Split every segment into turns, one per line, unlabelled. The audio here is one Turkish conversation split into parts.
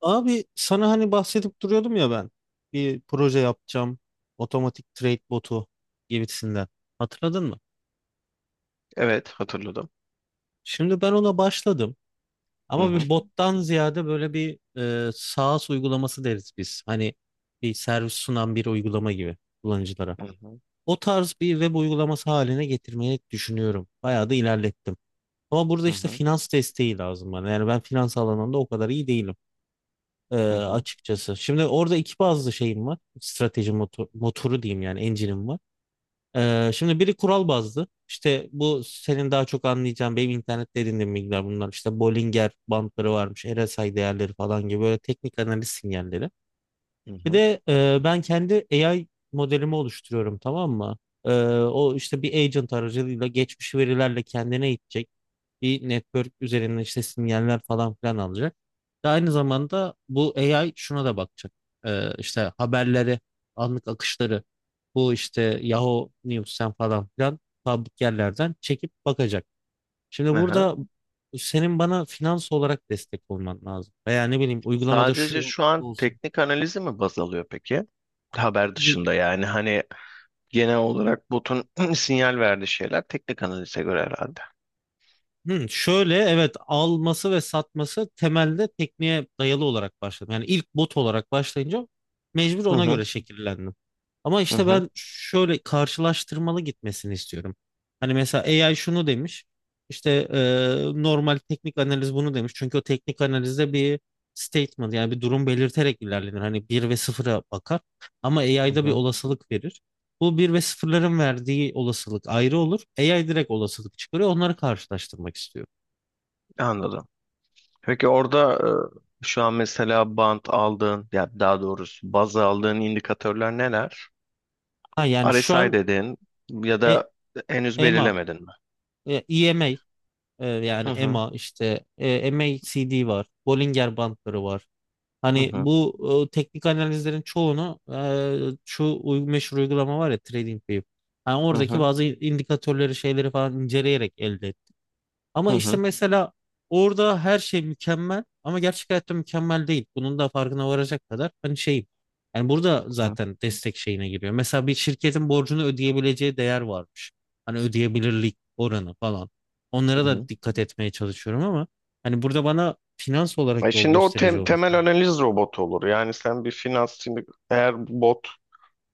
Abi sana hani bahsedip duruyordum ya ben. Bir proje yapacağım. Otomatik trade botu gibisinden. Hatırladın mı?
Evet, hatırladım.
Şimdi ben ona başladım.
Hı
Ama
hı,
bir bottan ziyade böyle bir SaaS uygulaması deriz biz. Hani bir servis sunan bir uygulama gibi kullanıcılara.
hı hı,
O tarz bir web uygulaması haline getirmeyi düşünüyorum. Bayağı da ilerlettim. Ama burada
hı
işte
hı,
finans desteği lazım bana. Yani ben finans alanında o kadar iyi değilim. Ee,
hı hı,
açıkçası. Şimdi orada iki bazlı şeyim var. Strateji motoru diyeyim, yani engine'im var. Şimdi biri kural bazlı. İşte bu senin daha çok anlayacağın, benim internette edindiğim bilgiler bunlar. İşte Bollinger bandları varmış, RSI değerleri falan gibi böyle teknik analiz sinyalleri.
hı
Bir
hı.
de ben kendi AI modelimi oluşturuyorum, tamam mı? Ee, o işte bir agent aracılığıyla geçmiş verilerle kendine eğitecek bir network üzerinden işte sinyaller falan filan alacak. Ve aynı zamanda bu AI şuna da bakacak. İşte haberleri, anlık akışları bu işte Yahoo News'ten falan filan public yerlerden çekip bakacak. Şimdi
Aha.
burada senin bana finans olarak destek olman lazım. Veya ne bileyim uygulamada
Sadece
şu.
şu an teknik analizi mi baz alıyor peki? Haber dışında yani hani genel olarak botun sinyal verdiği şeyler teknik analize göre herhalde.
Hı, şöyle evet, alması ve satması temelde tekniğe dayalı olarak başladım. Yani ilk bot olarak başlayınca mecbur
Hı
ona
hı,
göre şekillendim. Ama
hı
işte
hı,
ben şöyle karşılaştırmalı gitmesini istiyorum. Hani mesela AI şunu demiş. İşte normal teknik analiz bunu demiş. Çünkü o teknik analizde bir statement, yani bir durum belirterek ilerlenir. Hani bir ve sıfıra bakar. Ama
hı
AI'da bir
hı.
olasılık verir. Bu bir ve sıfırların verdiği olasılık ayrı olur. AI direkt olasılık çıkarıyor. Onları karşılaştırmak istiyor.
Anladım. Peki orada şu an mesela bant aldığın ya daha doğrusu baz aldığın indikatörler neler?
Ha, yani şu
RSI
an
dedin ya
e,
da henüz
EMA,
belirlemedin mi?
e, EMA e,
Hı
yani
hı,
EMA işte MACD var. Bollinger bandları var.
hı
Hani
hı,
bu teknik analizlerin çoğunu meşhur uygulama var ya, TradingView. Yani
hı
oradaki
hı,
bazı indikatörleri, şeyleri falan inceleyerek elde.
hı
Ama işte
hı,
mesela orada her şey mükemmel ama gerçek hayatta mükemmel değil. Bunun da farkına varacak kadar hani şeyim. Yani burada
hı hı.
zaten destek şeyine giriyor. Mesela bir şirketin borcunu ödeyebileceği değer varmış. Hani ödeyebilirlik oranı falan. Onlara
Hı
da
hı.
dikkat etmeye çalışıyorum ama hani burada bana finans
E
olarak yol
şimdi o
gösterici olması
temel
lazım.
analiz robotu olur. Yani sen bir finans şimdi eğer bot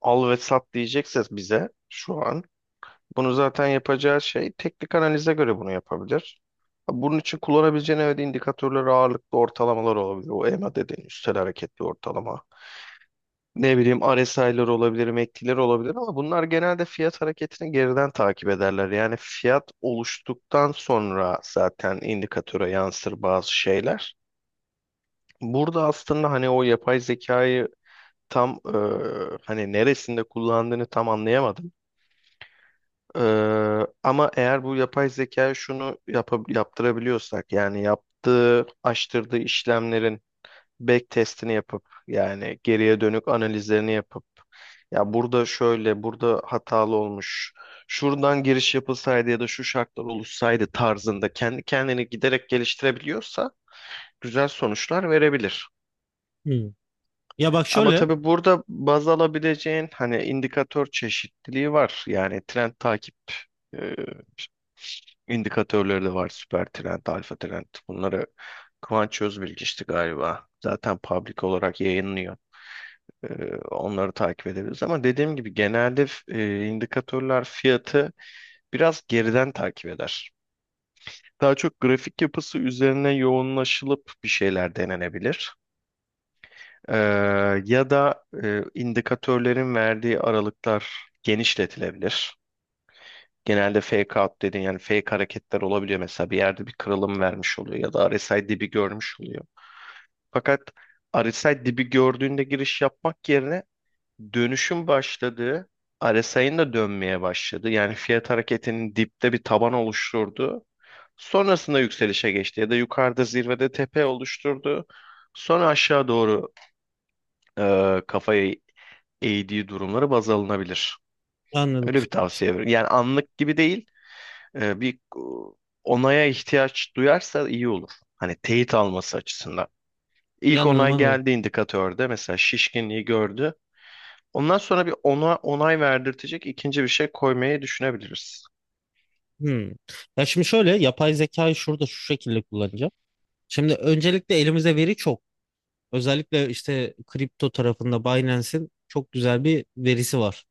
al ve sat diyecekse bize şu an bunu zaten yapacağı şey teknik analize göre bunu yapabilir. Bunun için kullanabileceğin evet indikatörler ağırlıklı ortalamalar olabilir. O EMA dediğin üstel hareketli ortalama. Ne bileyim RSI'lar olabilir, MACD'ler olabilir ama bunlar genelde fiyat hareketini geriden takip ederler. Yani fiyat oluştuktan sonra zaten indikatöre yansır bazı şeyler. Burada aslında hani o yapay zekayı tam hani neresinde kullandığını tam anlayamadım. Ama eğer bu yapay zeka şunu yaptırabiliyorsak yani yaptığı, açtırdığı işlemlerin back testini yapıp yani geriye dönük analizlerini yapıp ya burada şöyle, burada hatalı olmuş. Şuradan giriş yapılsaydı ya da şu şartlar oluşsaydı tarzında kendi kendini giderek geliştirebiliyorsa güzel sonuçlar verebilir.
Hmm. Ya bak
Ama
şöyle,
tabii burada baz alabileceğin hani indikatör çeşitliliği var. Yani trend takip e, indikatörleri de var. Süper trend, alfa trend. Bunları Kıvanç Özbilgiç'ti galiba. Zaten public olarak yayınlıyor. E, onları takip edebiliriz. Ama dediğim gibi genelde indikatörler fiyatı biraz geriden takip eder. Daha çok grafik yapısı üzerine yoğunlaşılıp bir şeyler denenebilir. Ee, Ya da indikatörlerin verdiği aralıklar genişletilebilir. Genelde fake out dediğin yani fake hareketler olabiliyor mesela bir yerde bir kırılım vermiş oluyor ya da RSI dibi görmüş oluyor. Fakat RSI dibi gördüğünde giriş yapmak yerine dönüşün başladığı RSI'nin de dönmeye başladı. Yani fiyat hareketinin dipte bir taban oluşturdu. Sonrasında yükselişe geçti ya da yukarıda zirvede tepe oluşturdu. Sonra aşağı doğru kafayı AD durumları baz alınabilir.
anladım.
Öyle bir tavsiye veriyorum. Yani anlık gibi değil, bir onaya ihtiyaç duyarsa iyi olur. Hani teyit alması açısından. İlk
Anladım,
onay
anladım.
geldi indikatörde mesela şişkinliği gördü. Ondan sonra bir ona onay verdirtecek ikinci bir şey koymayı düşünebiliriz.
Hmm. Ya şimdi şöyle yapay zekayı şurada şu şekilde kullanacağım. Şimdi öncelikle elimize veri çok. Özellikle işte kripto tarafında Binance'in çok güzel bir verisi var.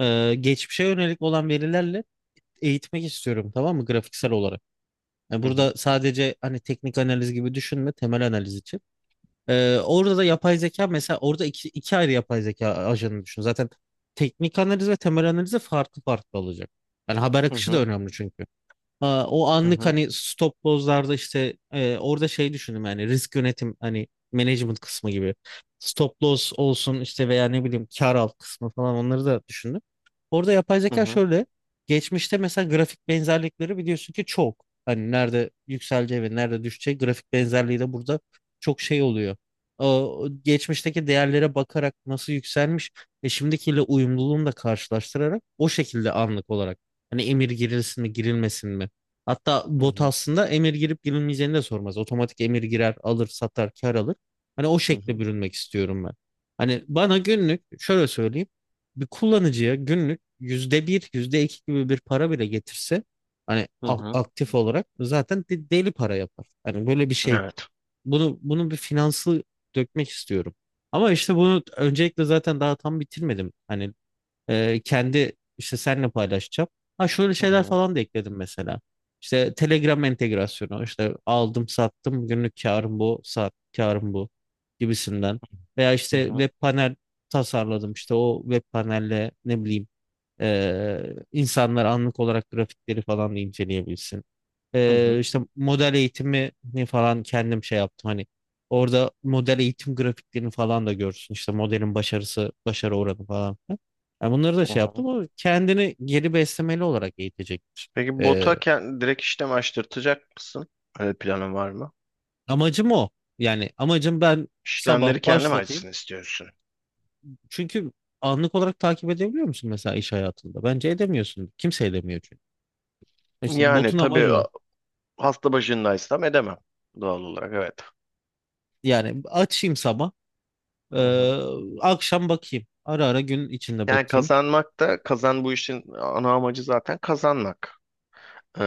Geçmişe yönelik olan verilerle eğitmek istiyorum, tamam mı, grafiksel olarak. Yani
Hı
burada
hı.
sadece hani teknik analiz gibi düşünme, temel analiz için. Orada da yapay zeka, mesela orada iki ayrı yapay zeka ajanı düşün. Zaten teknik analiz ve temel analize farklı farklı olacak. Yani haber
Hı
akışı da
hı.
önemli çünkü. O
Hı
anlık
hı.
hani stop loss'larda işte orada şey düşündüm, yani risk yönetim hani management kısmı gibi. Stop loss olsun işte veya ne bileyim kar al kısmı falan, onları da düşündüm. Orada yapay
Hı
zeka
hı.
şöyle, geçmişte mesela grafik benzerlikleri biliyorsun ki çok. Hani nerede yükseleceği ve nerede düşeceği grafik benzerliği de burada çok şey oluyor. O, geçmişteki değerlere bakarak nasıl yükselmiş ve şimdikiyle uyumluluğunu da karşılaştırarak o şekilde anlık olarak hani emir girilsin mi girilmesin mi. Hatta
Hı
bot
hı.
aslında emir girip girilmeyeceğini de sormaz. Otomatik emir girer, alır, satar, kar alır. Hani o
Hı
şekle
hı.
bürünmek istiyorum ben. Hani bana günlük şöyle söyleyeyim. Bir kullanıcıya günlük %1, yüzde iki gibi bir para bile getirse hani
Hı hı.
aktif olarak zaten deli para yapar. Hani böyle bir şey.
Evet.
Bunu bir finansı dökmek istiyorum. Ama işte bunu öncelikle zaten daha tam bitirmedim. Hani kendi işte seninle paylaşacağım. Ha, şöyle
Hı
şeyler
hı.
falan da ekledim mesela. İşte Telegram entegrasyonu, işte aldım sattım, günlük karım bu, saat karım bu gibisinden. Veya
Hı
işte
hı.
web panel tasarladım, işte o web panelle ne bileyim insanlar anlık olarak grafikleri falan da inceleyebilsin.
Hı hı.
İşte model eğitimi falan kendim şey yaptım, hani orada model eğitim grafiklerini falan da görsün, işte modelin başarısı, başarı oranı falan filan. Yani bunları da
Hı
şey
hı.
yaptım, o kendini geri beslemeli olarak eğitecektir.
Peki botu
Ee,
direkt işlem açtırtacak mısın? Öyle planın var mı?
amacım o, yani amacım ben sabah
İşlemleri kendim
başlatayım
açsın istiyorsun.
çünkü anlık olarak takip edebiliyor musun mesela iş hayatında? Bence edemiyorsun, kimse edemiyor çünkü. İşte
Yani
botun
tabii
amacı o.
hasta başındaysam edemem doğal olarak evet.
Yani açayım sabah.
Hı hı.
Ee, akşam bakayım. Ara ara gün içinde
Yani
bakayım.
kazanmak da kazan bu işin ana amacı zaten kazanmak. Ee,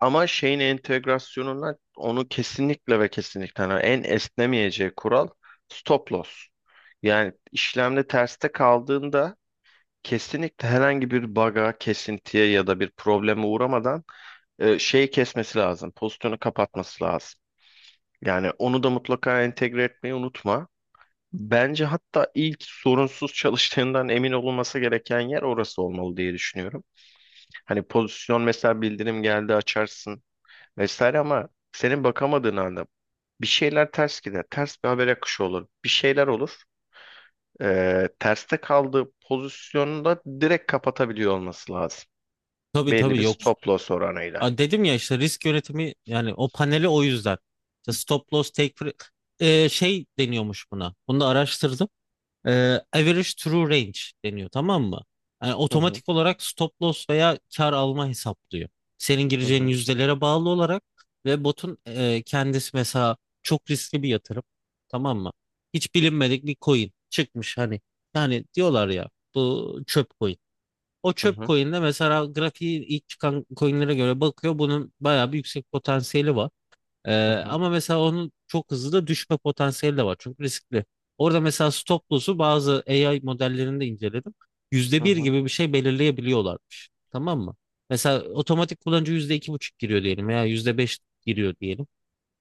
Ama şeyin entegrasyonuna onu kesinlikle ve kesinlikle yani en esnemeyeceği kural stop loss. Yani işlemde terste kaldığında kesinlikle herhangi bir bug'a, kesintiye ya da bir probleme uğramadan şeyi kesmesi lazım. Pozisyonu kapatması lazım. Yani onu da mutlaka entegre etmeyi unutma. Bence hatta ilk sorunsuz çalıştığından emin olunması gereken yer orası olmalı diye düşünüyorum. Hani pozisyon mesela bildirim geldi açarsın vesaire ama senin bakamadığın anda bir şeyler ters gider. Ters bir haber akışı olur. Bir şeyler olur. Terste kaldığı pozisyonu da direkt kapatabiliyor olması lazım.
Tabii,
Belli
tabii,
bir
yok.
stop loss oranıyla.
Dedim ya, işte risk yönetimi, yani o paneli o yüzden. İşte stop loss şey deniyormuş buna. Bunu da araştırdım. e, average true range deniyor, tamam mı? Yani
Hı hı,
otomatik olarak stop loss veya kar alma hesaplıyor. Senin
hı
gireceğin
hı,
yüzdelere bağlı olarak ve botun kendisi, mesela çok riskli bir yatırım, tamam mı? Hiç bilinmedik bir coin çıkmış hani. Yani diyorlar ya, bu çöp coin. O
hı
çöp
hı,
coin'de mesela grafiği ilk çıkan coin'lere göre bakıyor, bunun bayağı bir yüksek potansiyeli var. Ee,
hı hı,
ama mesela onun çok hızlı da düşme potansiyeli de var. Çünkü riskli. Orada mesela stop loss'u bazı AI modellerinde de inceledim. Yüzde
hı
bir
hı,
gibi bir şey belirleyebiliyorlarmış. Tamam mı? Mesela otomatik kullanıcı %2,5 giriyor diyelim veya %5 giriyor diyelim.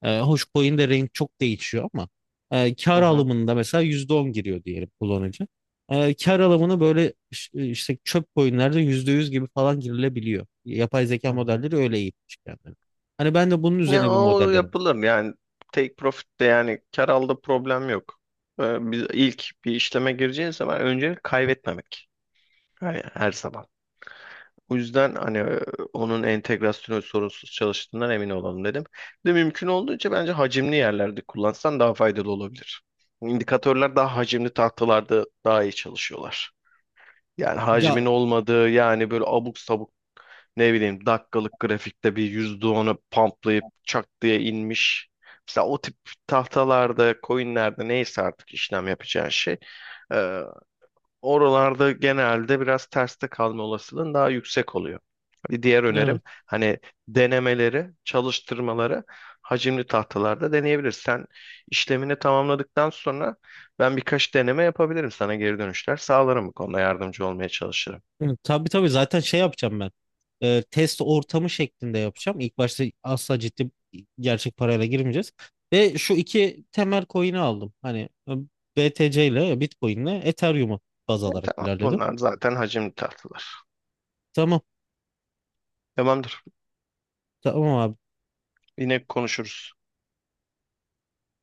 Hoş coin'de range çok değişiyor ama
hı
kar
hı,
alımında mesela %10 giriyor diyelim kullanıcı. Kar alımını böyle işte çöp coin'lerde %100 gibi falan girilebiliyor. Yapay zeka
hı.
modelleri öyle eğitmiş kendini. Hani ben de bunun
Ya
üzerine bir
o
modelleme.
yapılır yani take profit'te yani kar alda problem yok. Biz ilk bir işleme gireceğiz zaman önce kaybetmemek. Yani her zaman. O yüzden hani onun entegrasyonu sorunsuz çalıştığından emin olalım dedim. Bir de mümkün olduğunca bence hacimli yerlerde kullansan daha faydalı olabilir. İndikatörler daha hacimli tahtalarda daha iyi çalışıyorlar. Yani
Ya,
hacmin olmadığı yani böyle abuk sabuk ne bileyim dakikalık grafikte bir %10'u pamplayıp çak diye inmiş. Mesela o tip tahtalarda, coinlerde neyse artık işlem yapacağın şey, oralarda genelde biraz terste kalma olasılığın daha yüksek oluyor. Bir diğer
evet.
önerim hani denemeleri, çalıştırmaları hacimli tahtalarda deneyebilirsin. Sen işlemini tamamladıktan sonra ben birkaç deneme yapabilirim sana geri dönüşler sağlarım bu konuda yardımcı olmaya çalışırım.
Hı, Tabii tabii zaten şey yapacağım ben. Test ortamı şeklinde yapacağım. İlk başta asla ciddi, gerçek parayla girmeyeceğiz. Ve şu iki temel coin'i aldım. Hani BTC ile, Bitcoin ile Ethereum'u baz
E,
alarak
tamam
ilerledim.
bunlar zaten hacimli tahtalar.
Tamam.
Tamamdır.
Tamam
Yine konuşuruz.